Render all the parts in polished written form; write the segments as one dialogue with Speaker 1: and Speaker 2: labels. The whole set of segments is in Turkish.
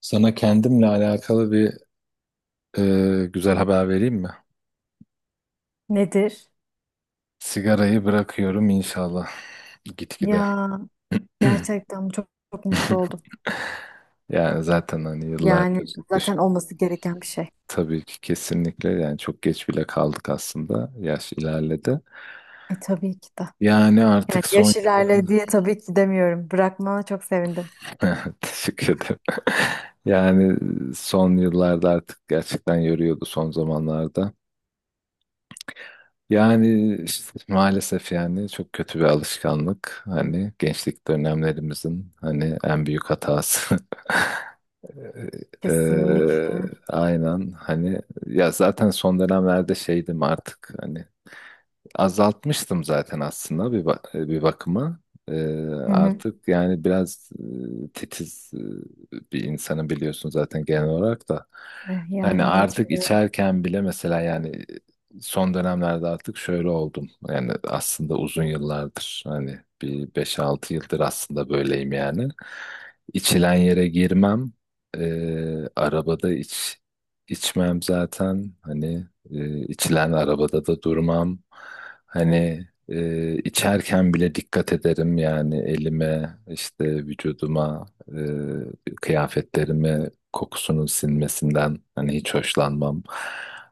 Speaker 1: Sana kendimle alakalı bir güzel haber vereyim mi?
Speaker 2: Nedir?
Speaker 1: Sigarayı bırakıyorum inşallah gitgide.
Speaker 2: Ya gerçekten çok, çok mutlu oldum.
Speaker 1: Yani zaten hani
Speaker 2: Yani
Speaker 1: yıllardır
Speaker 2: zaten olması gereken bir şey.
Speaker 1: tabii ki kesinlikle yani çok geç bile kaldık aslında. Yaş ilerledi.
Speaker 2: Tabii ki de.
Speaker 1: Yani
Speaker 2: Yani
Speaker 1: artık son
Speaker 2: yaş ilerledi
Speaker 1: yıllar
Speaker 2: diye tabii ki demiyorum. Bırakmana çok sevindim.
Speaker 1: teşekkür ederim. Yani son yıllarda artık gerçekten yoruyordu son zamanlarda. Yani işte maalesef yani çok kötü bir alışkanlık. Hani gençlik dönemlerimizin hani en büyük hatası. Eee,
Speaker 2: Kesinlikle.
Speaker 1: aynen hani ya zaten son dönemlerde şeydim artık hani azaltmıştım zaten aslında bir bakıma. Ee,
Speaker 2: Hı hı.
Speaker 1: artık yani biraz titiz bir insanım biliyorsun zaten genel olarak da.
Speaker 2: Yani
Speaker 1: Hani
Speaker 2: evet
Speaker 1: artık
Speaker 2: biliyorum.
Speaker 1: içerken bile mesela yani son dönemlerde artık şöyle oldum. Yani aslında uzun yıllardır hani bir beş altı yıldır aslında böyleyim yani. İçilen yere girmem. Arabada içmem zaten hani içilen arabada da durmam. Hani içerken bile dikkat ederim yani elime, işte vücuduma, kıyafetlerime kokusunun sinmesinden hani hiç hoşlanmam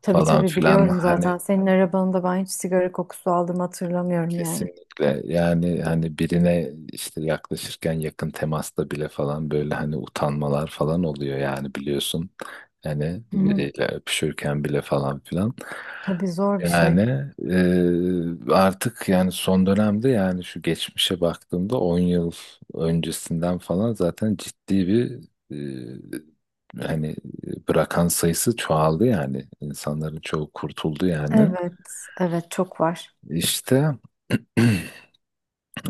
Speaker 2: Tabii
Speaker 1: falan
Speaker 2: tabii
Speaker 1: filan.
Speaker 2: biliyorum zaten.
Speaker 1: Hani
Speaker 2: Senin arabanında ben hiç sigara kokusu aldığımı hatırlamıyorum yani.
Speaker 1: kesinlikle yani hani birine işte yaklaşırken yakın temasta bile falan böyle hani utanmalar falan oluyor yani biliyorsun. Hani
Speaker 2: Hı hı.
Speaker 1: biriyle öpüşürken bile falan filan.
Speaker 2: Tabii zor bir şey.
Speaker 1: Yani artık yani son dönemde yani şu geçmişe baktığımda 10 yıl öncesinden falan zaten ciddi bir hani bırakan sayısı çoğaldı yani insanların çoğu kurtuldu yani
Speaker 2: Evet, evet çok var.
Speaker 1: işte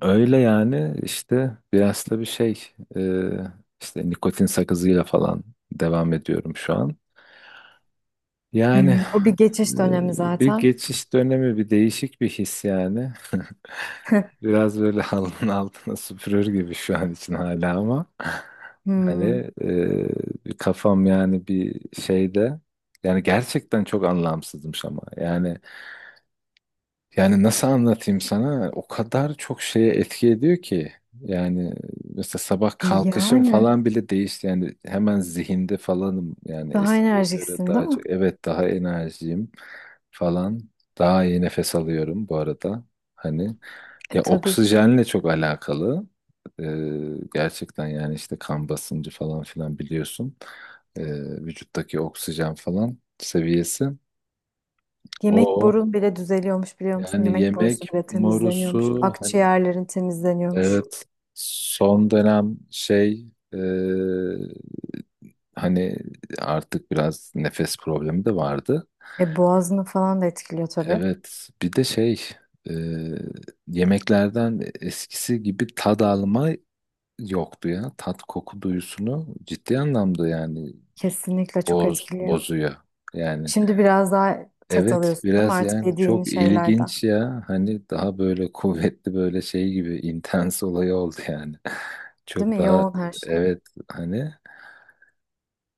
Speaker 1: öyle yani işte biraz da bir şey e, işte nikotin sakızıyla falan devam ediyorum şu an yani.
Speaker 2: Hmm, o bir geçiş dönemi
Speaker 1: Ee, bir
Speaker 2: zaten.
Speaker 1: geçiş dönemi, bir değişik bir his yani. Biraz böyle halının altına süpürür gibi şu an için hala, ama hani
Speaker 2: Hmm,
Speaker 1: bir kafam yani bir şeyde yani gerçekten çok anlamsızmış ama yani nasıl anlatayım sana? O kadar çok şeye etki ediyor ki. Yani mesela sabah kalkışım
Speaker 2: yani
Speaker 1: falan bile değişti. Yani hemen zihinde falanım. Yani
Speaker 2: daha
Speaker 1: eskiye göre
Speaker 2: enerjiksin değil
Speaker 1: daha
Speaker 2: mi?
Speaker 1: çok. Evet, daha enerjiyim falan. Daha iyi nefes alıyorum bu arada. Hani
Speaker 2: E
Speaker 1: ya
Speaker 2: tabii.
Speaker 1: oksijenle çok alakalı. Ee, gerçekten yani işte kan basıncı falan filan biliyorsun. Ee, vücuttaki oksijen falan seviyesi.
Speaker 2: Yemek
Speaker 1: O.
Speaker 2: borun bile düzeliyormuş biliyor musun?
Speaker 1: Yani
Speaker 2: Yemek borusu
Speaker 1: yemek
Speaker 2: bile temizleniyormuş.
Speaker 1: morusu hani
Speaker 2: Akciğerlerin temizleniyormuş.
Speaker 1: evet, son dönem şey e, hani artık biraz nefes problemi de vardı.
Speaker 2: E boğazını falan da etkiliyor tabii.
Speaker 1: Evet bir de şey e, yemeklerden eskisi gibi tad alma yoktu ya. Tat koku duyusunu ciddi anlamda yani
Speaker 2: Kesinlikle çok
Speaker 1: boz
Speaker 2: etkiliyor.
Speaker 1: bozuyor. Yani
Speaker 2: Şimdi biraz daha tat
Speaker 1: evet,
Speaker 2: alıyorsun değil mi?
Speaker 1: biraz
Speaker 2: Artık
Speaker 1: yani
Speaker 2: yediğin
Speaker 1: çok
Speaker 2: şeylerden.
Speaker 1: ilginç ya hani daha böyle kuvvetli böyle şey gibi intens olayı oldu yani.
Speaker 2: Değil
Speaker 1: Çok
Speaker 2: mi?
Speaker 1: daha,
Speaker 2: Yoğun her şey.
Speaker 1: evet, hani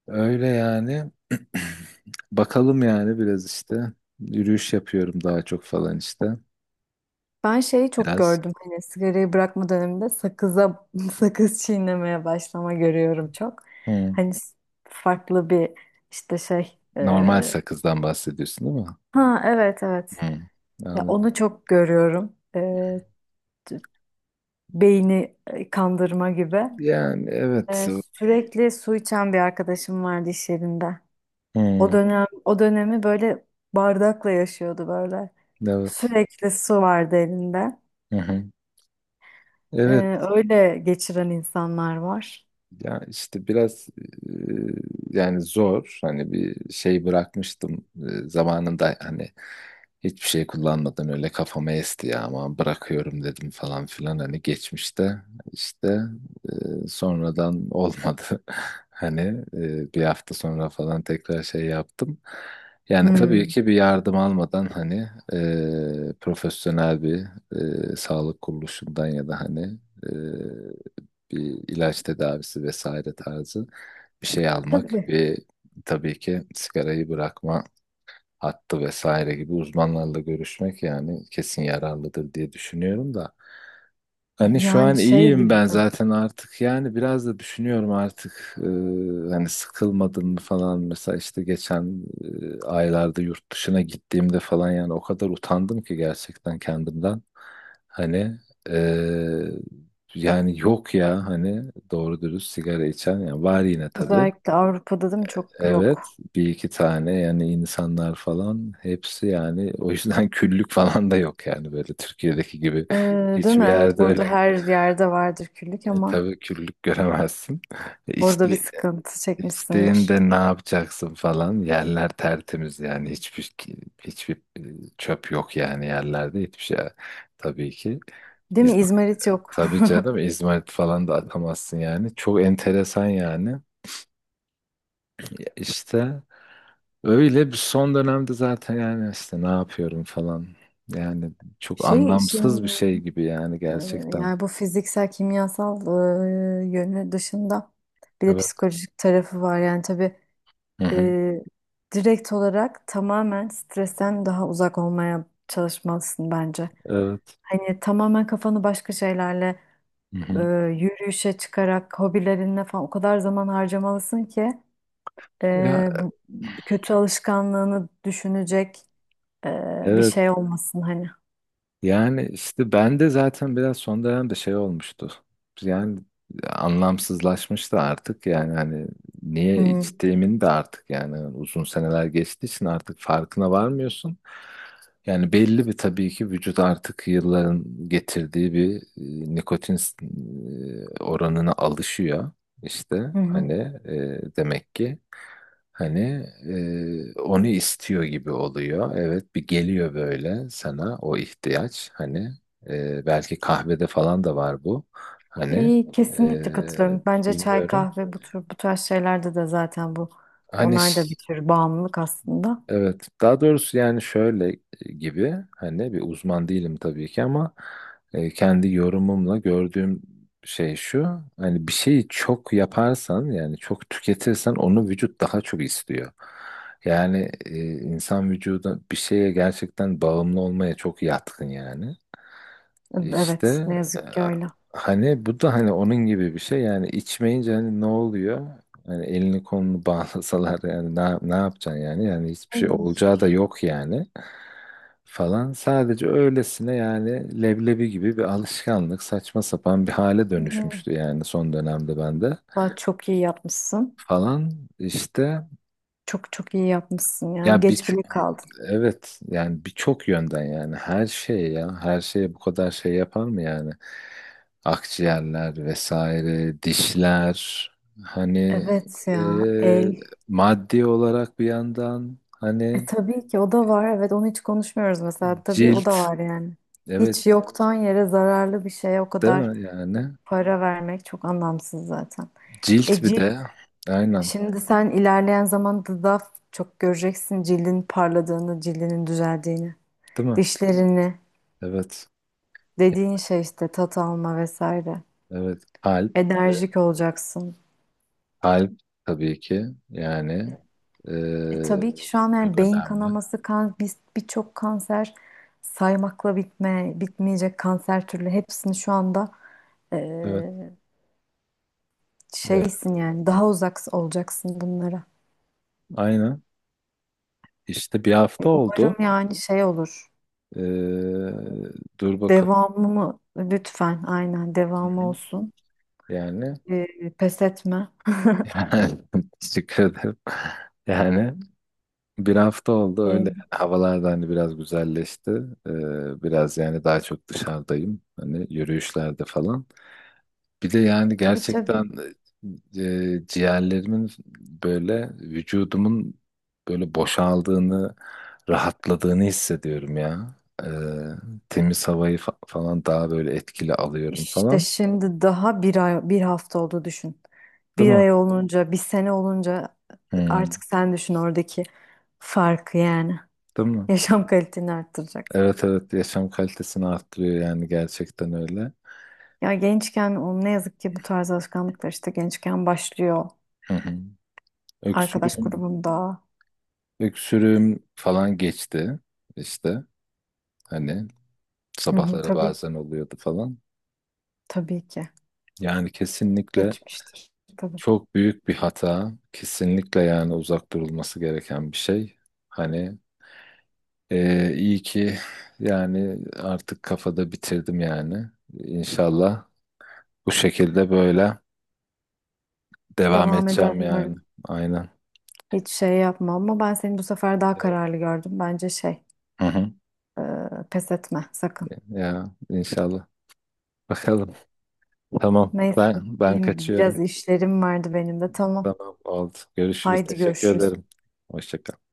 Speaker 1: öyle yani. Bakalım yani biraz işte yürüyüş yapıyorum daha çok falan işte
Speaker 2: Ben şeyi çok
Speaker 1: biraz.
Speaker 2: gördüm hani sigarayı bırakma döneminde sakıza sakız çiğnemeye başlama görüyorum çok.
Speaker 1: Hı.
Speaker 2: Hani farklı bir işte şey
Speaker 1: Normal sakızdan bahsediyorsun değil mi?
Speaker 2: ha evet evet
Speaker 1: Hı.
Speaker 2: ya
Speaker 1: Anladım.
Speaker 2: onu çok görüyorum. T- beyni kandırma gibi.
Speaker 1: Yani evet. Hı.
Speaker 2: Sürekli su içen bir arkadaşım vardı iş yerinde. O dönem o dönemi böyle bardakla yaşıyordu böyle.
Speaker 1: Evet.
Speaker 2: Sürekli su vardı elinde.
Speaker 1: Hı hı.
Speaker 2: E,
Speaker 1: Evet.
Speaker 2: Öyle geçiren insanlar var.
Speaker 1: Ya işte biraz yani zor hani bir şey bırakmıştım zamanında hani hiçbir şey kullanmadan öyle kafama esti ya, ama bırakıyorum dedim falan filan hani geçmişte işte sonradan olmadı. Hani bir hafta sonra falan tekrar şey yaptım. Yani tabii
Speaker 2: Hmm.
Speaker 1: ki bir yardım almadan hani profesyonel bir sağlık kuruluşundan ya da hani bir ilaç tedavisi vesaire tarzı bir şey almak
Speaker 2: Tabii.
Speaker 1: ve tabii ki sigarayı bırakma hattı vesaire gibi uzmanlarla görüşmek yani kesin yararlıdır diye düşünüyorum da. Hani şu an
Speaker 2: Yani şey bir
Speaker 1: iyiyim
Speaker 2: de
Speaker 1: ben zaten artık yani biraz da düşünüyorum artık hani sıkılmadım mı falan mesela işte geçen aylarda yurt dışına gittiğimde falan yani o kadar utandım ki gerçekten kendimden, hani e, yani yok ya hani doğru dürüst sigara içen yani var yine tabii.
Speaker 2: özellikle Avrupa'da değil mi çok yok.
Speaker 1: Evet, bir iki tane yani insanlar falan, hepsi yani o yüzden küllük falan da yok yani böyle Türkiye'deki gibi.
Speaker 2: Değil
Speaker 1: Hiçbir
Speaker 2: mi? Evet
Speaker 1: yerde
Speaker 2: burada
Speaker 1: öyle
Speaker 2: her yerde vardır küllük ama
Speaker 1: tabii küllük göremezsin. E,
Speaker 2: orada bir
Speaker 1: İçti,
Speaker 2: sıkıntı çekmişsindir.
Speaker 1: içtiğinde ne yapacaksın falan. Yerler tertemiz yani hiçbir çöp yok yani yerlerde hiçbir şey, tabii ki.
Speaker 2: Değil mi?
Speaker 1: İzmir,
Speaker 2: İzmarit yok.
Speaker 1: tabii canım, İzmarit falan da atamazsın yani. Çok enteresan yani. Ya İşte öyle. Bir son dönemde zaten yani işte ne yapıyorum falan. Yani çok
Speaker 2: Şey işin
Speaker 1: anlamsız bir şey gibi yani
Speaker 2: e,
Speaker 1: gerçekten.
Speaker 2: yani bu fiziksel kimyasal yönü dışında bir de
Speaker 1: Evet.
Speaker 2: psikolojik tarafı var. Yani tabii
Speaker 1: Hı hı.
Speaker 2: e, direkt olarak tamamen stresten daha uzak olmaya çalışmalısın bence.
Speaker 1: Evet.
Speaker 2: Hani tamamen kafanı başka şeylerle
Speaker 1: Hı
Speaker 2: e,
Speaker 1: hı.
Speaker 2: yürüyüşe çıkarak hobilerine falan o kadar zaman harcamalısın ki
Speaker 1: Ya
Speaker 2: bu kötü alışkanlığını düşünecek bir
Speaker 1: evet.
Speaker 2: şey olmasın hani.
Speaker 1: Yani işte ben de zaten biraz son dönemde şey olmuştu. Yani anlamsızlaşmıştı artık yani hani niye
Speaker 2: Hı
Speaker 1: içtiğimin de artık yani uzun seneler geçtiği için artık farkına varmıyorsun. Yani belli bir, tabii ki vücut artık yılların getirdiği bir nikotin oranına alışıyor. İşte
Speaker 2: hı.
Speaker 1: hani
Speaker 2: Hı.
Speaker 1: demek ki. Hani onu istiyor gibi oluyor. Evet, bir geliyor böyle sana o ihtiyaç. Hani belki kahvede falan da var bu. Hani
Speaker 2: İyi, kesinlikle
Speaker 1: e,
Speaker 2: katılıyorum. Bence çay,
Speaker 1: bilmiyorum.
Speaker 2: kahve bu tür bu tarz şeylerde de zaten
Speaker 1: Hani
Speaker 2: onlar da bir tür bağımlılık aslında.
Speaker 1: evet, daha doğrusu yani şöyle gibi hani bir uzman değilim tabii ki, ama kendi yorumumla gördüğüm şey şu: hani bir şeyi çok yaparsan yani çok tüketirsen onu vücut daha çok istiyor. Yani insan vücuda bir şeye gerçekten bağımlı olmaya çok yatkın yani. İşte
Speaker 2: Evet, ne
Speaker 1: e,
Speaker 2: yazık ki öyle.
Speaker 1: hani bu da hani onun gibi bir şey yani içmeyince hani ne oluyor? Yani elini kolunu bağlasalar yani ne yapacaksın yani? Yani hiçbir şey
Speaker 2: Ay,
Speaker 1: olacağı da yok yani falan. Sadece öylesine yani leblebi gibi bir alışkanlık, saçma sapan bir hale dönüşmüştü yani son dönemde bende
Speaker 2: vallahi çok iyi yapmışsın.
Speaker 1: falan işte.
Speaker 2: Çok çok iyi yapmışsın, yani
Speaker 1: Ya
Speaker 2: geç
Speaker 1: bir
Speaker 2: bile kaldın.
Speaker 1: Evet yani birçok yönden yani her şey ya, her şeye bu kadar şey yapar mı yani? Akciğerler vesaire, dişler hani
Speaker 2: Evet ya
Speaker 1: e,
Speaker 2: el.
Speaker 1: maddi olarak bir yandan
Speaker 2: E
Speaker 1: hani,
Speaker 2: tabii ki o da var. Evet onu hiç konuşmuyoruz mesela. Tabii o
Speaker 1: cilt,
Speaker 2: da var yani.
Speaker 1: evet,
Speaker 2: Hiç yoktan yere zararlı bir şeye o
Speaker 1: değil
Speaker 2: kadar
Speaker 1: mi yani,
Speaker 2: para vermek çok anlamsız zaten.
Speaker 1: cilt
Speaker 2: E
Speaker 1: bir
Speaker 2: cilt,
Speaker 1: de, aynen,
Speaker 2: şimdi sen ilerleyen zamanda daha çok göreceksin cildin parladığını, cildinin düzeldiğini,
Speaker 1: değil mi,
Speaker 2: dişlerini,
Speaker 1: evet,
Speaker 2: dediğin şey işte tat alma vesaire.
Speaker 1: evet, kalp,
Speaker 2: Enerjik olacaksın.
Speaker 1: kalp, tabii ki yani e,
Speaker 2: E tabii ki şu an yani
Speaker 1: çok
Speaker 2: beyin
Speaker 1: önemli,
Speaker 2: kanaması, kan, birçok kanser, saymakla bitmeyecek kanser türlü hepsini şu anda
Speaker 1: evet,
Speaker 2: Ee,
Speaker 1: evet,
Speaker 2: şeysin yani daha uzak olacaksın bunlara.
Speaker 1: aynen. İşte bir hafta oldu.
Speaker 2: Umarım yani şey olur.
Speaker 1: Ee, dur bakalım.
Speaker 2: Devamı mı? Lütfen aynen
Speaker 1: Hı
Speaker 2: devamı
Speaker 1: hı.
Speaker 2: olsun.
Speaker 1: Yani,
Speaker 2: Pes etme.
Speaker 1: yani teşekkür ederim. Yani bir hafta oldu
Speaker 2: Ee,
Speaker 1: öyle. Havalar da hani biraz güzelleşti. Biraz yani daha çok dışarıdayım. Hani yürüyüşlerde falan. Bir de yani
Speaker 2: tabii tabii,
Speaker 1: gerçekten ciğerlerimin, böyle vücudumun böyle boşaldığını, rahatladığını hissediyorum ya. E, temiz havayı falan daha böyle etkili alıyorum
Speaker 2: işte
Speaker 1: falan.
Speaker 2: şimdi daha bir ay, bir hafta oldu düşün.
Speaker 1: Değil
Speaker 2: Bir
Speaker 1: mi?
Speaker 2: ay olunca, bir sene olunca
Speaker 1: Hmm,
Speaker 2: artık sen düşün oradaki farkı yani.
Speaker 1: değil mi?
Speaker 2: Yaşam kaliteni arttıracaksın.
Speaker 1: Evet, evet, yaşam kalitesini arttırıyor yani gerçekten öyle.
Speaker 2: Ya gençken o, ne yazık ki bu tarz alışkanlıklar işte gençken başlıyor.
Speaker 1: Hı hı.
Speaker 2: Arkadaş
Speaker 1: Öksürüğüm,
Speaker 2: grubunda.
Speaker 1: öksürüğüm falan geçti işte, hani
Speaker 2: Hı hı,
Speaker 1: sabahları
Speaker 2: tabii,
Speaker 1: bazen oluyordu falan.
Speaker 2: tabii ki.
Speaker 1: Yani kesinlikle
Speaker 2: Geçmiştir. Tabii.
Speaker 1: çok büyük bir hata. Kesinlikle yani uzak durulması gereken bir şey. Hani iyi ki yani artık kafada bitirdim yani. İnşallah bu şekilde böyle devam
Speaker 2: Devam eder
Speaker 1: edeceğim yani.
Speaker 2: umarım.
Speaker 1: Aynen.
Speaker 2: Hiç şey yapma ama ben seni bu sefer daha
Speaker 1: Evet.
Speaker 2: kararlı gördüm. Bence şey,
Speaker 1: Hı hı.
Speaker 2: e, pes etme sakın.
Speaker 1: Ya inşallah. Bakalım. Tamam.
Speaker 2: Neyse,
Speaker 1: Ben
Speaker 2: benim biraz
Speaker 1: kaçıyorum.
Speaker 2: işlerim vardı benim de. Tamam.
Speaker 1: Tamam, oldu. Görüşürüz.
Speaker 2: Haydi
Speaker 1: Teşekkür
Speaker 2: görüşürüz.
Speaker 1: ederim. Hoşça kal.